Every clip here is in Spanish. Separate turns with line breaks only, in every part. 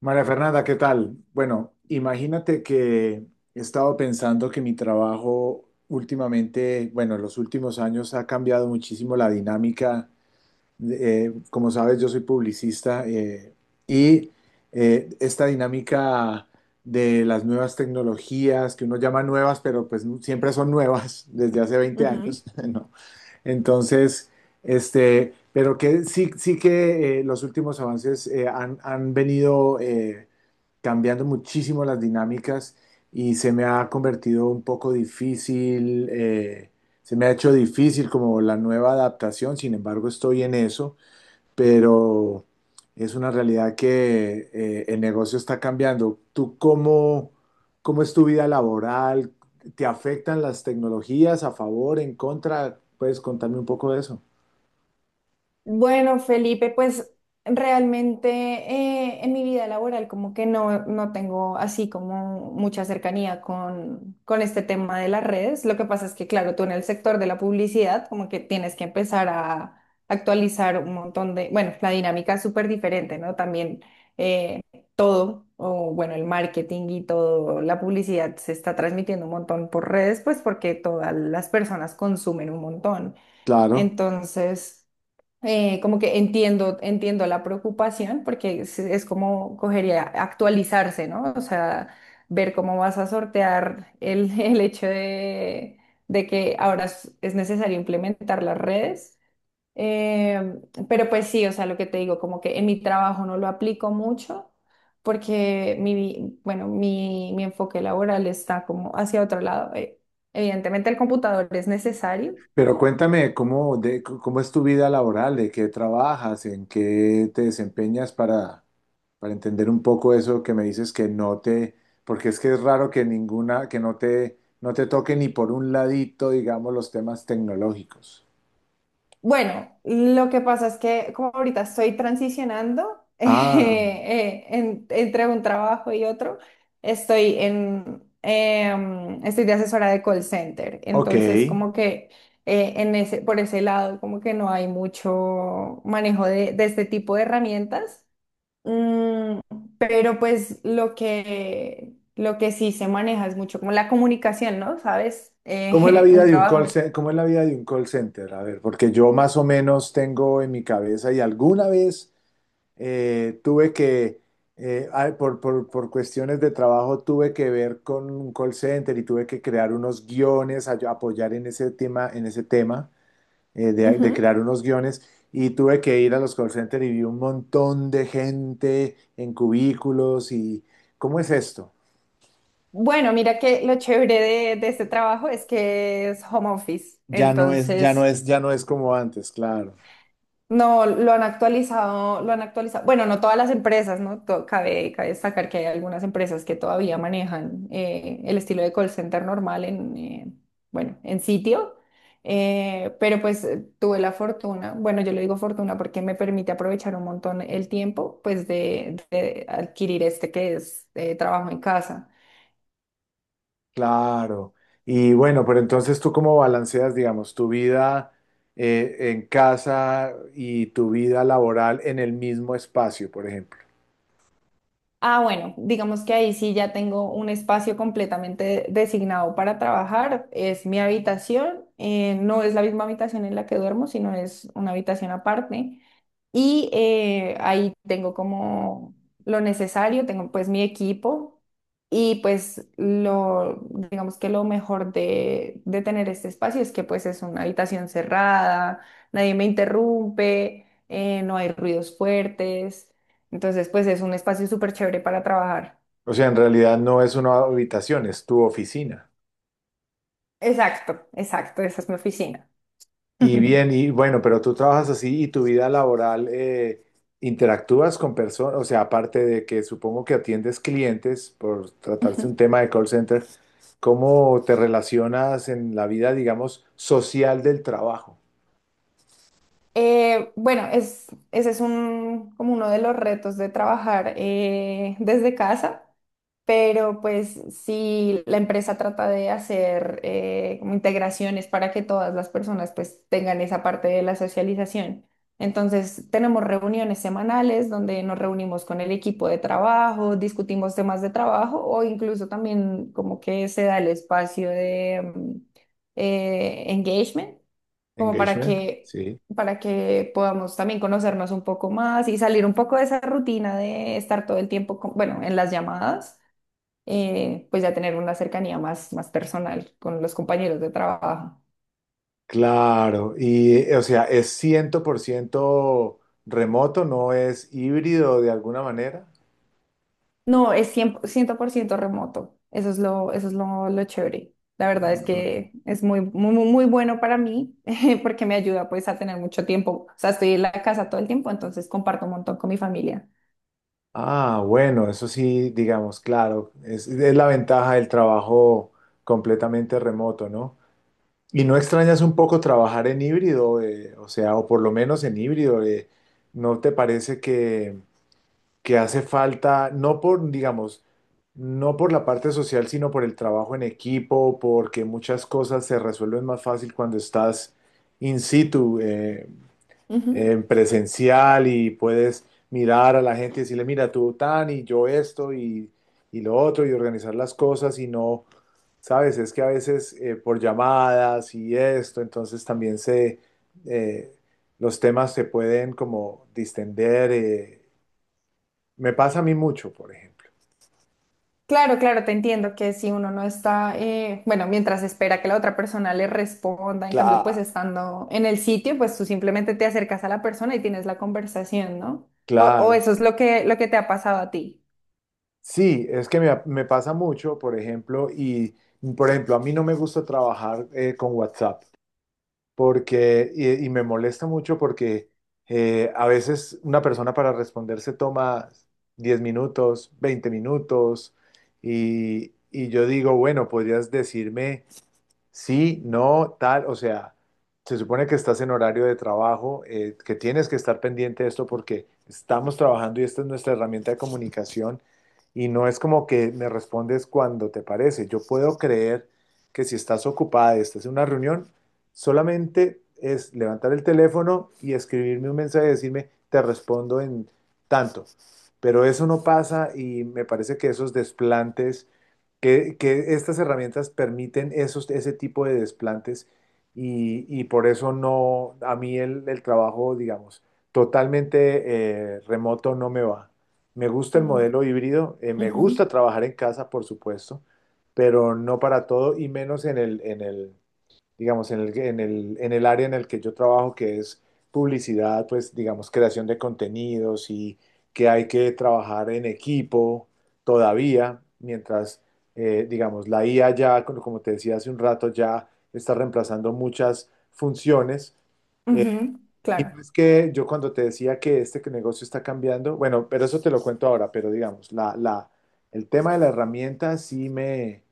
María Fernanda, ¿qué tal? Bueno, imagínate que he estado pensando que mi trabajo últimamente, bueno, en los últimos años ha cambiado muchísimo la dinámica. Como sabes, yo soy publicista y esta dinámica de las nuevas tecnologías, que uno llama nuevas, pero pues siempre son nuevas desde hace veinte
Ujú.
años, ¿no? Entonces... Este, pero que sí que los últimos avances han venido cambiando muchísimo las dinámicas y se me ha convertido un poco difícil, se me ha hecho difícil como la nueva adaptación, sin embargo estoy en eso, pero es una realidad que el negocio está cambiando. ¿Tú cómo, cómo es tu vida laboral? ¿Te afectan las tecnologías a favor, en contra? ¿Puedes contarme un poco de eso?
Bueno, Felipe, pues realmente en mi vida laboral como que no, no tengo así como mucha cercanía con este tema de las redes. Lo que pasa es que, claro, tú en el sector de la publicidad como que tienes que empezar a actualizar un montón de, bueno, la dinámica es súper diferente, ¿no? También eh, todo, o bueno, el marketing y todo, la publicidad se está transmitiendo un montón por redes, pues porque todas las personas consumen un montón.
Claro.
Entonces, como que entiendo la preocupación porque es como cogería actualizarse, ¿no? O sea, ver cómo vas a sortear el, el hecho de que ahora es necesario implementar las redes. Eh, pero pues sí, o sea, lo que te digo, como que en mi trabajo no lo aplico mucho porque mi, bueno, mi enfoque laboral está como hacia otro lado. Evidentemente el computador es necesario.
Pero cuéntame cómo, de, cómo es tu vida laboral, de qué trabajas, en qué te desempeñas para entender un poco eso que me dices que no te, porque es que es raro que ninguna, que no te, no te toque ni por un ladito, digamos, los temas tecnológicos.
Bueno, lo que pasa es que como ahorita estoy transicionando
Ah,
entre un trabajo y otro, estoy de asesora de call center,
ok.
entonces como que por ese lado como que no hay mucho manejo de este tipo de herramientas. Mm, pero pues lo que sí se maneja es mucho como la comunicación, ¿no? ¿Sabes?
¿Cómo es la vida
Un
de un
trabajo.
cómo es la vida de un call center? A ver, porque yo más o menos tengo en mi cabeza y alguna vez eh, tuve que, por cuestiones de trabajo, tuve que ver con un call center y tuve que crear unos guiones, apoyar en ese tema de
Ujú.
crear unos guiones. Y tuve que ir a los call centers y vi un montón de gente en cubículos y ¿cómo es esto?
Bueno, mira que lo chévere de este trabajo es que es home office, entonces
Ya no es como antes, claro.
no lo han actualizado, lo han actualizado. Bueno, no todas las empresas, ¿no? Cabe destacar que hay algunas empresas que todavía manejan el estilo de call center normal bueno, en sitio. Pero pues tuve la fortuna, bueno, yo le digo fortuna porque me permite aprovechar un montón el tiempo, pues de adquirir este que es trabajo en casa.
Claro. Y bueno, pero entonces tú cómo balanceas, digamos, tu vida en casa y tu vida laboral en el mismo espacio, por ejemplo.
Ah, bueno, digamos que ahí sí ya tengo un espacio completamente designado para trabajar. Es mi habitación, no es la misma habitación en la que duermo, sino es una habitación aparte. Y ahí tengo como lo necesario, tengo pues mi equipo y pues digamos que lo mejor de tener este espacio es que pues es una habitación cerrada, nadie me interrumpe, no hay ruidos fuertes, entonces pues es un espacio súper chévere para trabajar.
O sea, en realidad no es una habitación, es tu oficina.
Exacto, exacto, esa es mi oficina.
Y bien, y bueno, pero tú trabajas así y tu vida laboral interactúas con personas, o sea, aparte de que supongo que atiendes clientes por tratarse un
Ujú.
tema de call center, ¿cómo te relacionas en la vida, digamos, social del trabajo?
Bueno, es, ese es un, como uno de los retos de trabajar desde casa, pero pues sí, la empresa trata de hacer como integraciones para que todas las personas pues tengan esa parte de la socialización. Entonces, tenemos reuniones semanales donde nos reunimos con el equipo de trabajo, discutimos temas de trabajo o incluso también como que se da el espacio de engagement como para
Engagement,
que,
sí.
para que podamos también conocernos un poco más y salir un poco de esa rutina de estar todo el tiempo, bueno, en las llamadas, pues ya tener una cercanía más, más personal con los compañeros de trabajo.
Claro, y o sea, es 100% remoto, no es híbrido de alguna manera.
No, es cien por ciento remoto. Eso es lo chévere. La verdad es que es muy, muy, muy muy bueno para mí porque me ayuda pues a tener mucho tiempo. O sea, estoy en la casa todo el tiempo, entonces comparto un montón con mi familia.
Ah, bueno, eso sí, digamos, claro, es la ventaja del trabajo completamente remoto, ¿no? ¿Y no extrañas un poco trabajar en híbrido, o sea, o por lo menos en híbrido, ¿no te parece que hace falta, no por, digamos, no por la parte social, sino por el trabajo en equipo, porque muchas cosas se resuelven más fácil cuando estás in situ,
Ujú.
en presencial y puedes mirar a la gente y decirle, mira, tú tan y yo esto y lo otro y organizar las cosas y no, sabes, es que a veces por llamadas y esto, entonces también se, eh, los temas se pueden como distender. Me pasa a mí mucho, por ejemplo.
Claro, claro, te entiendo que si uno no está, bueno, mientras espera que la otra persona le responda, en cambio, pues
Claro,
estando en el sitio, pues tú simplemente te acercas a la persona y tienes la conversación, ¿no? O
claro.
eso es lo que te ha pasado a ti.
Sí, es que me pasa mucho, por ejemplo, y por ejemplo, a mí no me gusta trabajar con WhatsApp porque, y me molesta mucho porque a veces una persona para responder se toma 10 minutos, 20 minutos, y yo digo, bueno, podrías decirme sí, no, tal, o sea, se supone que estás en horario de trabajo, que tienes que estar pendiente de esto porque estamos trabajando y esta es nuestra herramienta de comunicación y no es como que me respondes cuando te parece. Yo puedo creer que si estás ocupada y estás en una reunión, solamente es levantar el teléfono y escribirme un mensaje y decirme, te respondo en tanto. Pero eso no pasa y me parece que esos desplantes que estas herramientas permiten esos, ese tipo de desplantes y por eso no, a mí el trabajo, digamos, totalmente remoto no me va. Me gusta el
Mm,
modelo híbrido, me gusta
ujú,
trabajar en casa, por supuesto, pero no para todo y menos digamos, en el área en el que yo trabajo, que es publicidad, pues, digamos, creación de contenidos y que hay que trabajar en equipo todavía, mientras, digamos, la IA ya, como como te decía hace un rato, ya está reemplazando muchas funciones. Eh,
ujú,
y
claro,
no es que yo cuando te decía que este que negocio está cambiando, bueno, pero eso te lo cuento ahora, pero digamos, el tema de la herramienta sí me,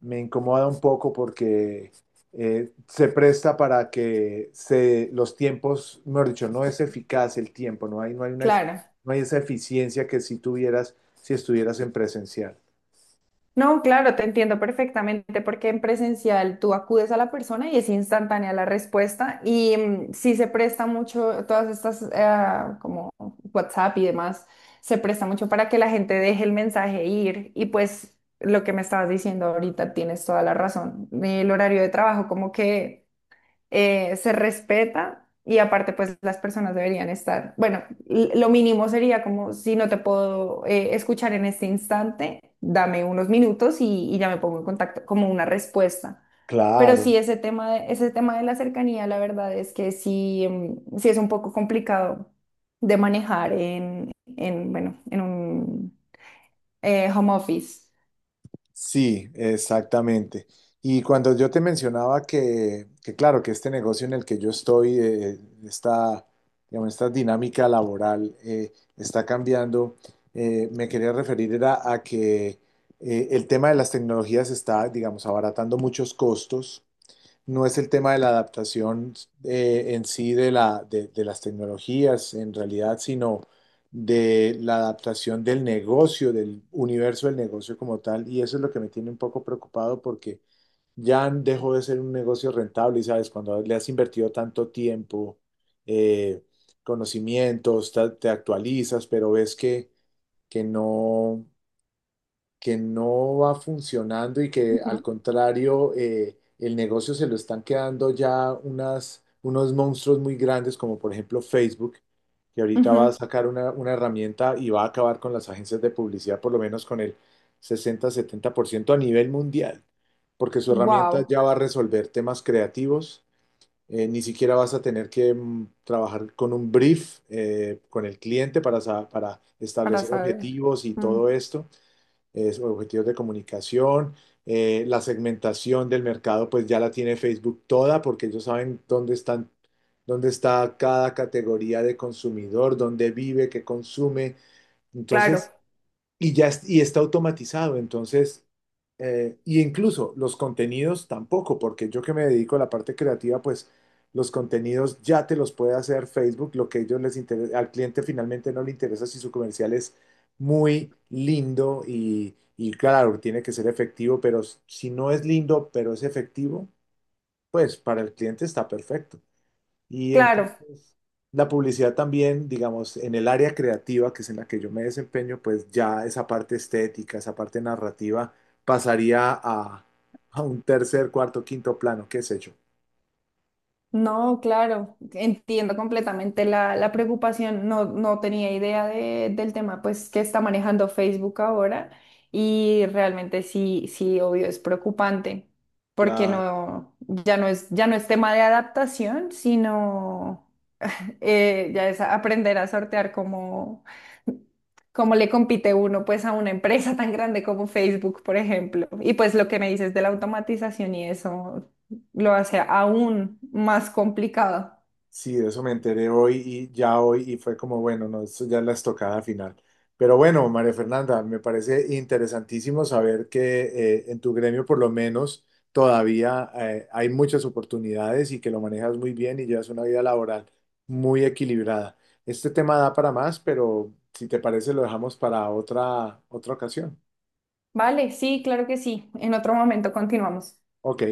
me incomoda un poco porque se presta para que se, los tiempos, mejor dicho, no es eficaz el tiempo, una,
claro.
no hay esa eficiencia que si tuvieras, si estuvieras en presencial.
No, claro, te entiendo perfectamente porque en presencial tú acudes a la persona y es instantánea la respuesta y sí se presta mucho, todas estas como WhatsApp y demás, se presta mucho para que la gente deje el mensaje ir y pues lo que me estabas diciendo ahorita tienes toda la razón. El horario de trabajo como que se respeta y aparte pues las personas deberían estar, bueno, lo mínimo sería como si no te puedo escuchar en este instante, dame unos minutos y ya me pongo en contacto como una respuesta. Pero
Claro.
sí, ese tema de la cercanía, la verdad es que sí, sí es un poco complicado de manejar en bueno, en un home office.
Sí, exactamente. Y cuando yo te mencionaba que claro, que este negocio en el que yo estoy, esta, digamos, esta dinámica laboral está cambiando, me quería referir era a que el tema de las tecnologías está, digamos, abaratando muchos costos. No es el tema de la adaptación en sí de la, de las tecnologías, en realidad, sino de la adaptación del negocio, del universo del negocio como tal. Y eso es lo que me tiene un poco preocupado porque ya dejó de ser un negocio rentable, y sabes, cuando le has invertido tanto tiempo, eh, conocimientos, actualizas, pero ves que, que no que no va funcionando y que al contrario el negocio se lo están quedando ya unas, unos monstruos muy grandes como por ejemplo Facebook, que ahorita va
Ujú.
a sacar una herramienta y va a acabar con las agencias de publicidad por lo menos con el 60-70% a nivel mundial, porque su herramienta
Wow,
ya va a resolver temas creativos. Ni siquiera vas a tener que mm, trabajar con un brief con el cliente para, para
para
establecer
saber.
objetivos y todo
Mm,
esto es objetivos de comunicación. La segmentación del mercado, pues ya la tiene Facebook toda, porque ellos saben dónde están, dónde está cada categoría de consumidor, dónde vive, qué consume.
claro,
Entonces, y está automatizado, entonces, y incluso los contenidos tampoco, porque yo que me dedico a la parte creativa, pues los contenidos ya te los puede hacer Facebook, lo que a ellos les interesa, al cliente finalmente no le interesa si su comercial es muy lindo y claro, tiene que ser efectivo, pero si no es lindo, pero es efectivo, pues para el cliente está perfecto. Y
claro.
entonces la publicidad también, digamos, en el área creativa, que es en la que yo me desempeño, pues ya esa parte estética, esa parte narrativa pasaría a un tercer, cuarto, quinto plano, qué sé yo.
No, claro, entiendo completamente la preocupación. No, no tenía idea del tema pues que está manejando Facebook ahora y realmente sí, sí, obvio, es preocupante porque no, ya no es, tema de adaptación, sino ya es aprender a sortear cómo le compite uno pues a una empresa tan grande como Facebook, por ejemplo. Y pues lo que me dices de la automatización y eso lo hace aún más complicado.
Sí, de eso me enteré hoy y ya hoy y fue como, bueno, no, esto ya es la estocada final. Pero bueno, María Fernanda, me parece interesantísimo saber que en tu gremio por lo menos todavía hay muchas oportunidades y que lo manejas muy bien y llevas una vida laboral muy equilibrada. Este tema da para más, pero si te parece lo dejamos para otra, otra ocasión.
Vale, sí, claro que sí. En otro momento continuamos.
Ok,